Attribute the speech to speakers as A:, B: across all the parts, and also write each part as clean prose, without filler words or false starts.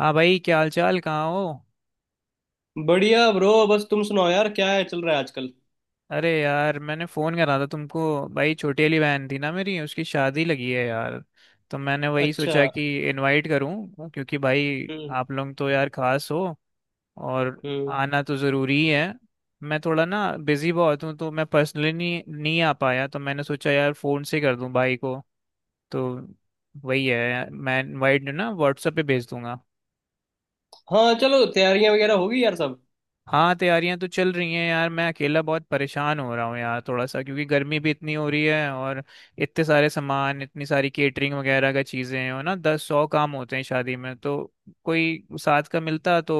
A: हाँ भाई, क्या हाल चाल, कहाँ हो?
B: बढ़िया ब्रो। बस तुम सुनाओ यार, क्या है, चल रहा है आजकल?
A: अरे यार, मैंने फ़ोन करा था तुमको। भाई, छोटी वाली बहन थी ना मेरी, उसकी शादी लगी है यार। तो मैंने वही
B: अच्छा।
A: सोचा कि इनवाइट करूँ, क्योंकि भाई
B: हम्म।
A: आप लोग तो यार खास हो। और
B: हम्म।
A: आना तो ज़रूरी है। मैं थोड़ा ना बिज़ी बहुत हूँ, तो मैं पर्सनली नहीं नहीं आ पाया, तो मैंने सोचा यार फ़ोन से कर दूँ भाई को। तो वही है, मैं इनवाइट ना व्हाट्सएप पे भेज दूंगा।
B: हाँ चलो, तैयारियां वगैरह होगी यार सब।
A: हाँ, तैयारियां तो चल रही हैं यार। मैं अकेला बहुत परेशान हो रहा हूँ यार, थोड़ा सा, क्योंकि गर्मी भी इतनी हो रही है और इतने सारे सामान, इतनी सारी केटरिंग वगैरह का चीज़ें हैं, और ना दस सौ काम होते हैं शादी में। तो कोई साथ का मिलता तो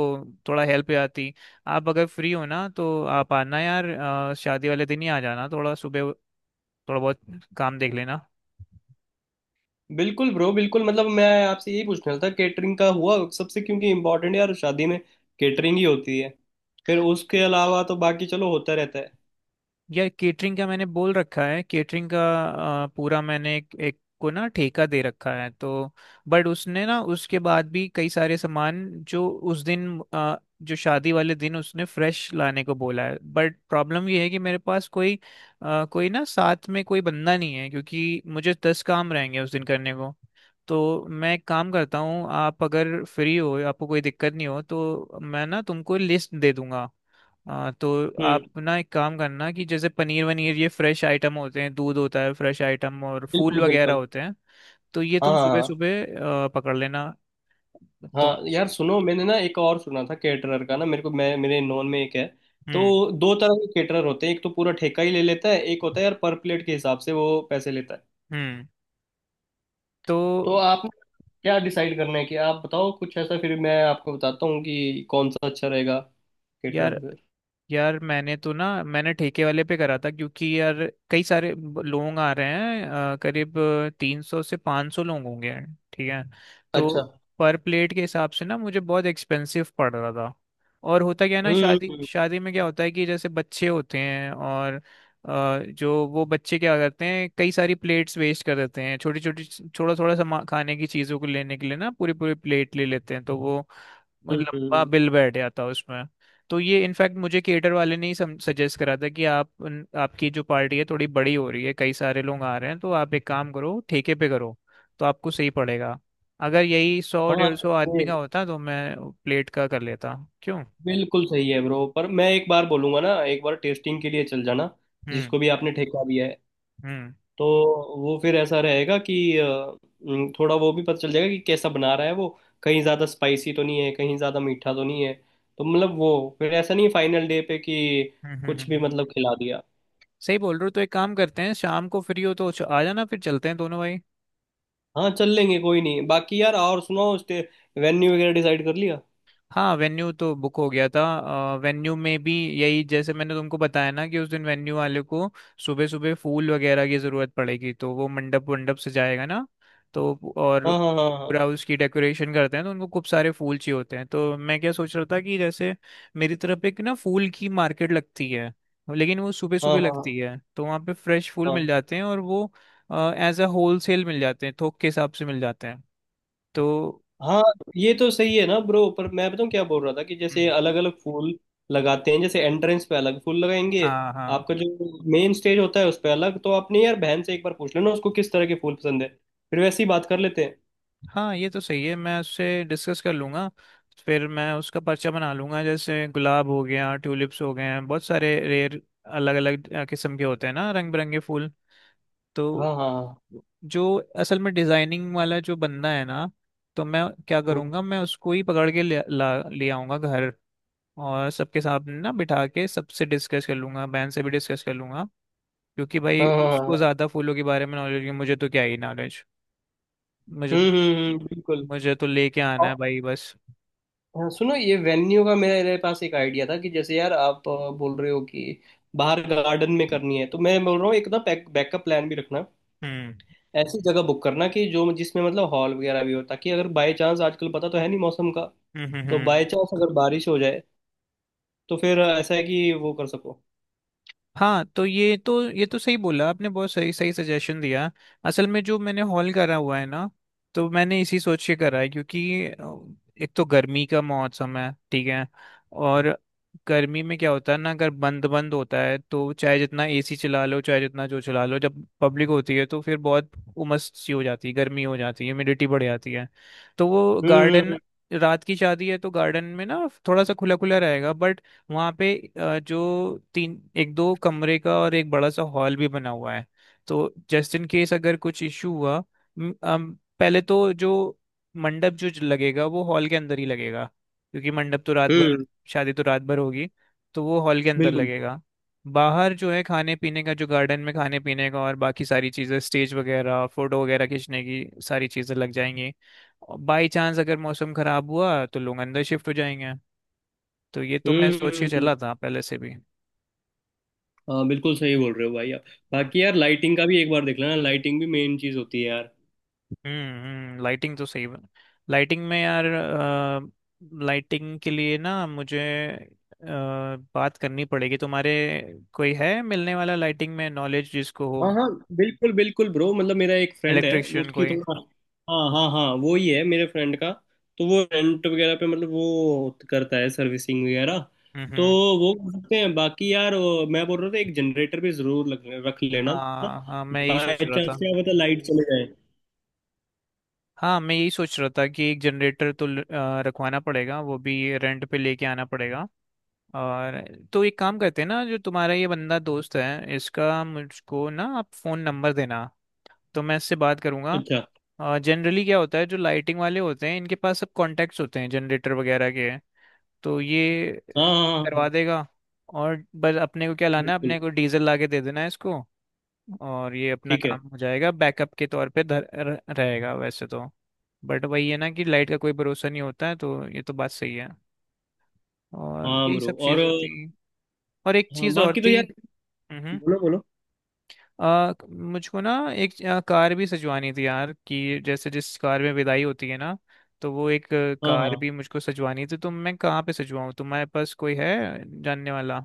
A: थोड़ा हेल्प आती। आप अगर फ्री हो ना, तो आप आना यार। शादी वाले दिन ही आ जाना थोड़ा सुबह, थोड़ा बहुत काम देख लेना।
B: बिल्कुल ब्रो बिल्कुल, मतलब मैं आपसे यही पूछना था केटरिंग का हुआ सबसे, क्योंकि इम्पोर्टेंट यार शादी में केटरिंग ही होती है। फिर उसके अलावा तो बाकी चलो होता रहता है।
A: यार केटरिंग का मैंने बोल रखा है, केटरिंग का। पूरा मैंने एक को ना ठेका दे रखा है। तो बट उसने ना, उसके बाद भी कई सारे सामान, जो उस जो शादी वाले दिन उसने फ्रेश लाने को बोला है। बट प्रॉब्लम ये है कि मेरे पास कोई ना साथ में कोई बंदा नहीं है, क्योंकि मुझे दस काम रहेंगे उस दिन करने को। तो मैं एक काम करता हूँ, आप अगर फ्री हो, आपको कोई दिक्कत नहीं हो, तो मैं ना तुमको लिस्ट दे दूंगा। हाँ तो
B: हम्म।
A: आप ना एक काम करना, कि जैसे पनीर वनीर, ये फ्रेश आइटम होते हैं, दूध होता है फ्रेश आइटम, और फूल
B: बिल्कुल
A: वगैरह
B: बिल्कुल।
A: होते हैं। तो ये
B: हाँ
A: तुम
B: हाँ
A: सुबह
B: हाँ।
A: सुबह पकड़ लेना। तुम।
B: हाँ यार सुनो, मैंने ना एक और सुना था केटरर का ना मेरे को, मैं मेरे नॉन में एक है।
A: हम्म।
B: तो दो तरह के केटरर होते हैं, एक तो पूरा ठेका ही ले लेता है, एक होता है यार पर प्लेट के हिसाब से वो पैसे लेता है।
A: हम्म। तो
B: तो आप क्या डिसाइड करना है कि आप बताओ कुछ ऐसा, फिर मैं आपको बताता हूँ कि कौन सा अच्छा रहेगा केटर
A: यार,
B: फिर।
A: यार मैंने तो ना मैंने ठेके वाले पे करा था, क्योंकि यार कई सारे लोग आ रहे हैं। करीब तीन सौ से पाँच सौ लोग होंगे। ठीक है
B: अच्छा।
A: तो पर प्लेट के हिसाब से ना मुझे बहुत एक्सपेंसिव पड़ रहा था। और होता क्या है ना,
B: हम्म
A: शादी
B: हम्म
A: शादी में क्या होता है कि जैसे बच्चे होते हैं, और जो वो बच्चे क्या करते हैं, कई सारी प्लेट्स वेस्ट कर देते हैं छोटी छोटी। थोड़ा थोड़ा सामान खाने की चीज़ों को लेने के लिए ना पूरी पूरी प्लेट ले लेते हैं, तो वो लंबा
B: हम्म,
A: बिल बैठ जाता है उसमें। तो ये इनफैक्ट मुझे केटर वाले ने ही सजेस्ट करा था, कि आप आपकी जो पार्टी है थोड़ी बड़ी हो रही है, कई सारे लोग आ रहे हैं, तो आप एक काम करो ठेके पे करो, तो आपको सही पड़ेगा। अगर यही सौ
B: हाँ
A: डेढ़ सौ आदमी
B: ये
A: का होता तो मैं प्लेट का कर लेता। क्यों।
B: बिल्कुल सही है ब्रो, पर मैं एक बार बोलूंगा ना, एक बार टेस्टिंग के लिए चल जाना
A: हम्म।
B: जिसको भी आपने ठेका दिया है।
A: हम्म।
B: तो वो फिर ऐसा रहेगा कि थोड़ा वो भी पता चल जाएगा कि कैसा बना रहा है वो, कहीं ज़्यादा स्पाइसी तो नहीं है, कहीं ज़्यादा मीठा तो नहीं है। तो मतलब वो फिर ऐसा नहीं फाइनल डे पे कि
A: हम्म। हम्म।
B: कुछ भी मतलब खिला दिया।
A: सही बोल रहे हो। तो एक काम करते हैं, शाम को फ्री हो तो आ जाना, फिर चलते हैं दोनों भाई।
B: हाँ चल लेंगे, कोई नहीं। बाकी यार और सुनाओ, स्टे वेन्यू वगैरह डिसाइड कर लिया?
A: हाँ वेन्यू तो बुक हो गया था। वेन्यू में भी यही, जैसे मैंने तुमको बताया ना कि उस दिन वेन्यू वाले को सुबह सुबह फूल वगैरह की ज़रूरत पड़ेगी, तो वो मंडप वंडप से जाएगा ना। तो और
B: हाँ हाँ हाँ।
A: पूरा उसकी डेकोरेशन करते हैं, तो उनको खूब सारे फूल चाहिए होते हैं। तो मैं क्या सोच रहा था कि जैसे मेरी तरफ एक ना फूल की मार्केट लगती है, लेकिन वो सुबह
B: हाँ
A: सुबह
B: हाँ हाँ
A: लगती है, तो वहाँ पे फ्रेश फूल मिल
B: हाँ
A: जाते हैं, और वो एज अ होल सेल मिल जाते हैं, थोक के हिसाब से मिल जाते हैं। तो
B: हाँ। ये तो सही है ना ब्रो, पर मैं बताऊँ क्या बोल रहा था कि जैसे
A: हम्म,
B: अलग अलग फूल लगाते हैं, जैसे एंट्रेंस पे अलग फूल लगाएंगे,
A: हाँ हाँ
B: आपका जो मेन स्टेज होता है उस पे अलग। तो आपने यार बहन से एक बार पूछ लेना उसको किस तरह के फूल पसंद है, फिर वैसे ही बात कर लेते हैं।
A: हाँ, ये तो सही है, मैं उससे डिस्कस कर लूंगा। फिर मैं उसका पर्चा बना लूंगा, जैसे गुलाब हो गया, ट्यूलिप्स हो गए हैं, बहुत सारे रेयर अलग अलग किस्म के होते हैं ना रंग बिरंगे फूल। तो
B: हाँ हाँ हाँ।
A: जो असल में डिजाइनिंग वाला जो बंदा है ना, तो मैं क्या
B: हम्म।
A: करूंगा, मैं उसको ही पकड़ के ला ले आऊंगा घर। और सबके सामने ना बिठा के सबसे डिस्कस कर लूंगा, बहन से भी डिस्कस कर लूंगा, क्योंकि भाई
B: हाँ हाँ हाँ
A: उसको
B: हाँ।
A: ज्यादा फूलों के बारे में नॉलेज है, मुझे तो क्या ही नॉलेज। मुझे,
B: हम्म, बिल्कुल।
A: मुझे तो लेके आना है भाई बस।
B: हाँ सुनो, ये वेन्यू का मेरे पास एक आइडिया था कि जैसे यार आप बोल रहे हो कि बाहर गार्डन में करनी है, तो मैं बोल रहा हूँ एक ना बैकअप प्लान भी रखना।
A: हम्म।
B: ऐसी जगह बुक करना कि जो जिसमें मतलब हॉल वगैरह भी हो, ताकि अगर बाय चांस, आजकल पता तो है नहीं मौसम का,
A: हम्म। हम्म।
B: तो बाय
A: हम्म।
B: चांस अगर बारिश हो जाए तो फिर ऐसा है कि वो कर सको।
A: हाँ तो ये तो सही बोला आपने, बहुत सही सही सजेशन दिया। असल में जो मैंने हॉल करा हुआ है ना, तो मैंने इसी सोच के करा है, क्योंकि एक तो गर्मी का मौसम है, ठीक है। और गर्मी में क्या होता है ना, अगर बंद बंद होता है तो चाहे जितना एसी चला लो, चाहे जितना जो चला लो, जब पब्लिक होती है तो फिर बहुत उमस सी हो जाती है, गर्मी हो जाती है, ह्यूमिडिटी बढ़ जाती है। तो वो
B: हम्म
A: गार्डन,
B: हम्म
A: रात की शादी है तो गार्डन में ना थोड़ा सा खुला खुला रहेगा। बट वहाँ पे जो तीन एक दो कमरे का और एक बड़ा सा हॉल भी बना हुआ है, तो जस्ट इन केस अगर कुछ इशू हुआ, म- अम, पहले तो जो मंडप जो लगेगा वो हॉल के अंदर ही लगेगा, क्योंकि मंडप तो रात भर,
B: हम्म,
A: शादी तो रात भर होगी, तो वो हॉल के अंदर
B: बिल्कुल।
A: लगेगा। बाहर जो है खाने पीने का, जो गार्डन में खाने पीने का और बाकी सारी चीज़ें स्टेज वगैरह, फोटो वगैरह खींचने की सारी चीज़ें लग जाएंगी। बाई चांस अगर मौसम खराब हुआ तो लोग अंदर शिफ्ट हो जाएंगे। तो ये तो मैं
B: हम्म
A: सोच के
B: हम्म, हम्म।
A: चला था पहले से भी।
B: हाँ बिल्कुल सही बोल रहे हो भाई आप।
A: हम्म।
B: बाकी यार लाइटिंग का भी एक बार देख लेना, लाइटिंग भी मेन चीज़ होती है यार।
A: हम्म। लाइटिंग तो सही बना। लाइटिंग में यार, लाइटिंग के लिए ना मुझे अ, बात करनी पड़ेगी तुम्हारे, कोई है मिलने वाला लाइटिंग में नॉलेज जिसको हो,
B: हाँ हाँ बिल्कुल बिल्कुल ब्रो, मतलब मेरा एक फ्रेंड है वो
A: इलेक्ट्रिशियन
B: उसकी
A: कोई।
B: थोड़ा। हाँ हाँ हाँ वो ही है मेरे फ्रेंड का। तो वो रेंट वगैरह पे मतलब वो करता है सर्विसिंग वगैरह।
A: हम्म।
B: तो
A: हम्म।
B: वो कर सकते हैं। बाकी यार, मैं बोल रहा था एक जनरेटर भी जरूर रख लेना ना।
A: हाँ हाँ, मैं यही
B: बाय
A: सोच रहा था।
B: चांस क्या पता लाइट चले जाए।
A: हाँ मैं यही सोच रहा था कि एक जनरेटर तो रखवाना पड़ेगा, वो भी रेंट पे लेके आना पड़ेगा। और तो एक काम करते हैं ना, जो तुम्हारा ये बंदा दोस्त है, इसका मुझको ना आप फ़ोन नंबर देना, तो मैं इससे बात करूंगा।
B: अच्छा।
A: जनरली क्या होता है, जो लाइटिंग वाले होते हैं इनके पास सब कॉन्टैक्ट्स होते हैं जनरेटर वगैरह के। तो ये
B: हाँ हाँ हाँ
A: करवा
B: हाँ,
A: देगा, और बस अपने को क्या लाना है,
B: बिल्कुल।
A: अपने को डीजल ला के दे देना है इसको। और ये अपना
B: ठीक है।
A: काम हो जाएगा, बैकअप के तौर पे रहेगा वैसे तो। बट वही है ना कि लाइट का कोई भरोसा नहीं होता है, तो ये तो बात सही है। और
B: हाँ
A: यही
B: ब्रो।
A: सब
B: और
A: चीज़ें थी। और एक
B: हाँ,
A: चीज़ और
B: बाकी तो
A: थी।
B: यार
A: हम्म।
B: बोलो बोलो।
A: मुझको ना एक कार भी सजवानी थी यार, कि जैसे जिस कार में विदाई होती है ना, तो वो एक
B: हाँ
A: कार
B: हाँ,
A: भी मुझको सजवानी थी। तो मैं कहाँ पे सजवाऊँ, तुम्हारे पास कोई है जानने वाला?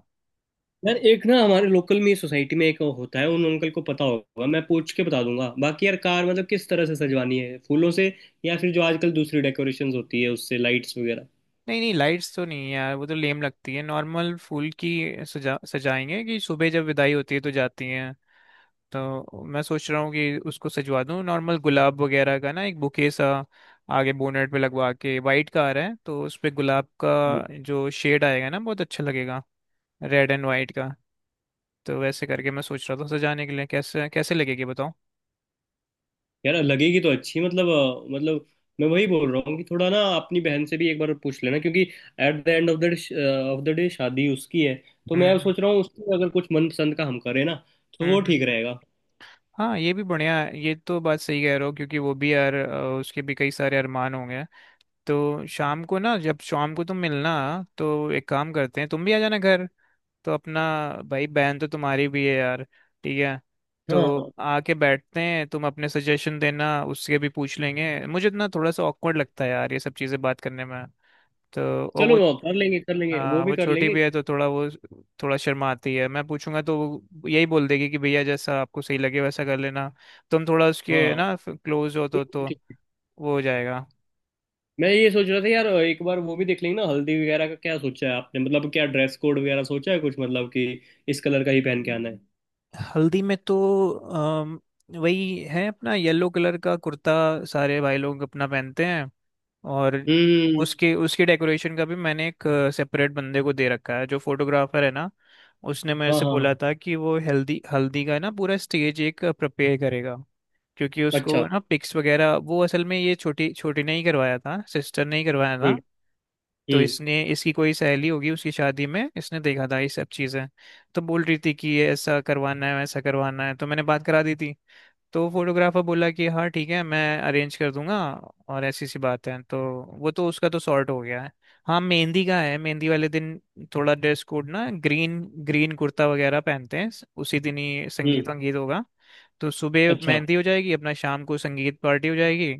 B: यार एक ना हमारे लोकल में सोसाइटी में एक होता है, उन अंकल को पता होगा, मैं पूछ के बता दूंगा। बाकी यार कार मतलब किस तरह से सजवानी है, फूलों से या फिर जो आजकल दूसरी डेकोरेशंस होती है उससे, लाइट्स वगैरह?
A: नहीं नहीं लाइट्स तो नहीं है यार, वो तो लेम लगती है। नॉर्मल फूल की सजा सजाएंगे, कि सुबह जब विदाई होती है तो जाती हैं। तो मैं सोच रहा हूँ कि उसको सजवा दूँ, नॉर्मल गुलाब वगैरह का ना एक बुके सा आगे बोनेट पे लगवा के। वाइट कार है तो उस पे गुलाब
B: हम्म।
A: का जो शेड आएगा ना बहुत अच्छा लगेगा, रेड एंड वाइट का। तो वैसे करके मैं सोच रहा था सजाने के लिए, कैसे कैसे लगेगी, बताओ।
B: यार लगेगी तो अच्छी, मतलब मतलब मैं वही बोल रहा हूँ कि थोड़ा ना अपनी बहन से भी एक बार पूछ लेना क्योंकि at the end of the day शादी उसकी है। तो
A: हम्म।
B: मैं
A: हम्म।
B: सोच रहा हूँ उसकी अगर कुछ मनपसंद का हम करें ना, तो
A: हम्म,
B: वो ठीक
A: हम्म।
B: रहेगा।
A: हाँ ये भी बढ़िया है, ये तो बात सही कह रहे हो, क्योंकि वो भी यार उसके भी कई सारे अरमान होंगे। तो शाम को ना, जब शाम को तुम मिलना, तो एक काम करते हैं, तुम भी आ जाना घर। तो अपना भाई बहन तो तुम्हारी भी है यार, ठीक है? तो
B: हाँ
A: आके बैठते हैं, तुम अपने सजेशन देना, उससे भी पूछ लेंगे। मुझे ना थोड़ा सा ऑकवर्ड लगता है यार ये सब चीज़ें बात करने में। तो और
B: चलो
A: वो,
B: वो कर लेंगे, कर लेंगे,
A: हाँ
B: वो भी
A: वो
B: कर
A: छोटी
B: लेंगे।
A: भी है, तो थोड़ा वो, थोड़ा शर्माती है। मैं पूछूंगा तो वो यही बोल देगी कि भैया जैसा आपको सही लगे वैसा कर लेना। तुम थोड़ा उसके
B: हाँ
A: ना क्लोज हो, तो
B: ठीक।
A: वो हो जाएगा।
B: मैं ये सोच रहा था यार, एक बार वो भी देख लेंगे ना हल्दी वगैरह का क्या सोचा है आपने, मतलब क्या ड्रेस कोड वगैरह सोचा है कुछ, मतलब कि इस कलर का ही पहन के आना है।
A: हल्दी में तो अम, वही है अपना, येलो कलर का कुर्ता सारे भाई लोग अपना पहनते हैं। और
B: हम्म।
A: उसके उसके डेकोरेशन का भी मैंने एक सेपरेट बंदे को दे रखा है, जो फोटोग्राफर है ना। उसने मेरे
B: हाँ
A: से
B: हाँ।
A: बोला था कि वो हल्दी हल्दी का ना पूरा स्टेज एक प्रिपेयर करेगा, क्योंकि
B: अच्छा।
A: उसको ना पिक्स वगैरह, वो असल में ये छोटी छोटी ने ही करवाया था, सिस्टर ने ही करवाया
B: हम्म।
A: था। तो
B: हम्म।
A: इसने, इसकी कोई सहेली होगी उसकी शादी में इसने देखा था ये सब चीज़ें। तो बोल रही थी कि ये ऐसा करवाना है वैसा करवाना है, तो मैंने बात करा दी थी। तो फोटोग्राफर बोला कि हाँ ठीक है, मैं अरेंज कर दूंगा। और ऐसी सी बात है, तो वो तो उसका तो सॉर्ट हो गया है। हाँ मेहंदी का है, मेहंदी वाले दिन थोड़ा ड्रेस कोड ना ग्रीन, ग्रीन कुर्ता वगैरह पहनते हैं। उसी दिन ही
B: हम्म।
A: संगीत वंगीत होगा। तो सुबह
B: अच्छा।
A: मेहंदी हो जाएगी, अपना शाम को संगीत पार्टी हो जाएगी।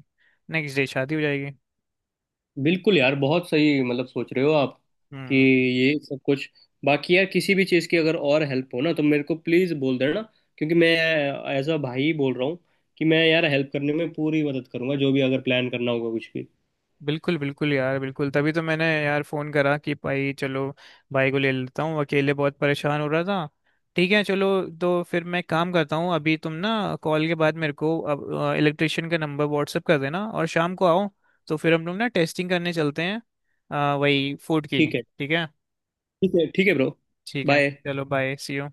A: नेक्स्ट डे शादी हो जाएगी।
B: बिल्कुल यार, बहुत सही मतलब सोच रहे हो आप कि
A: हम्म।
B: ये सब कुछ। बाकी यार किसी भी चीज़ की अगर और हेल्प हो ना, तो मेरे को प्लीज़ बोल देना, क्योंकि मैं एज अ भाई बोल रहा हूँ कि मैं यार हेल्प करने में पूरी मदद करूंगा, जो भी अगर प्लान करना होगा कुछ भी।
A: बिल्कुल बिल्कुल यार, बिल्कुल तभी तो मैंने यार फोन करा कि भाई चलो, भाई को ले लेता हूँ, अकेले बहुत परेशान हो रहा था। ठीक है चलो। तो फिर मैं काम करता हूँ, अभी तुम ना कॉल के बाद मेरे को अब इलेक्ट्रिशियन का नंबर व्हाट्सअप कर देना, और शाम को आओ, तो फिर हम लोग ना टेस्टिंग करने चलते हैं, वही फूड की।
B: ठीक है।
A: ठीक है।
B: ठीक है ठीक है ब्रो।
A: ठीक है
B: बाय।
A: चलो, बाय, सी यू।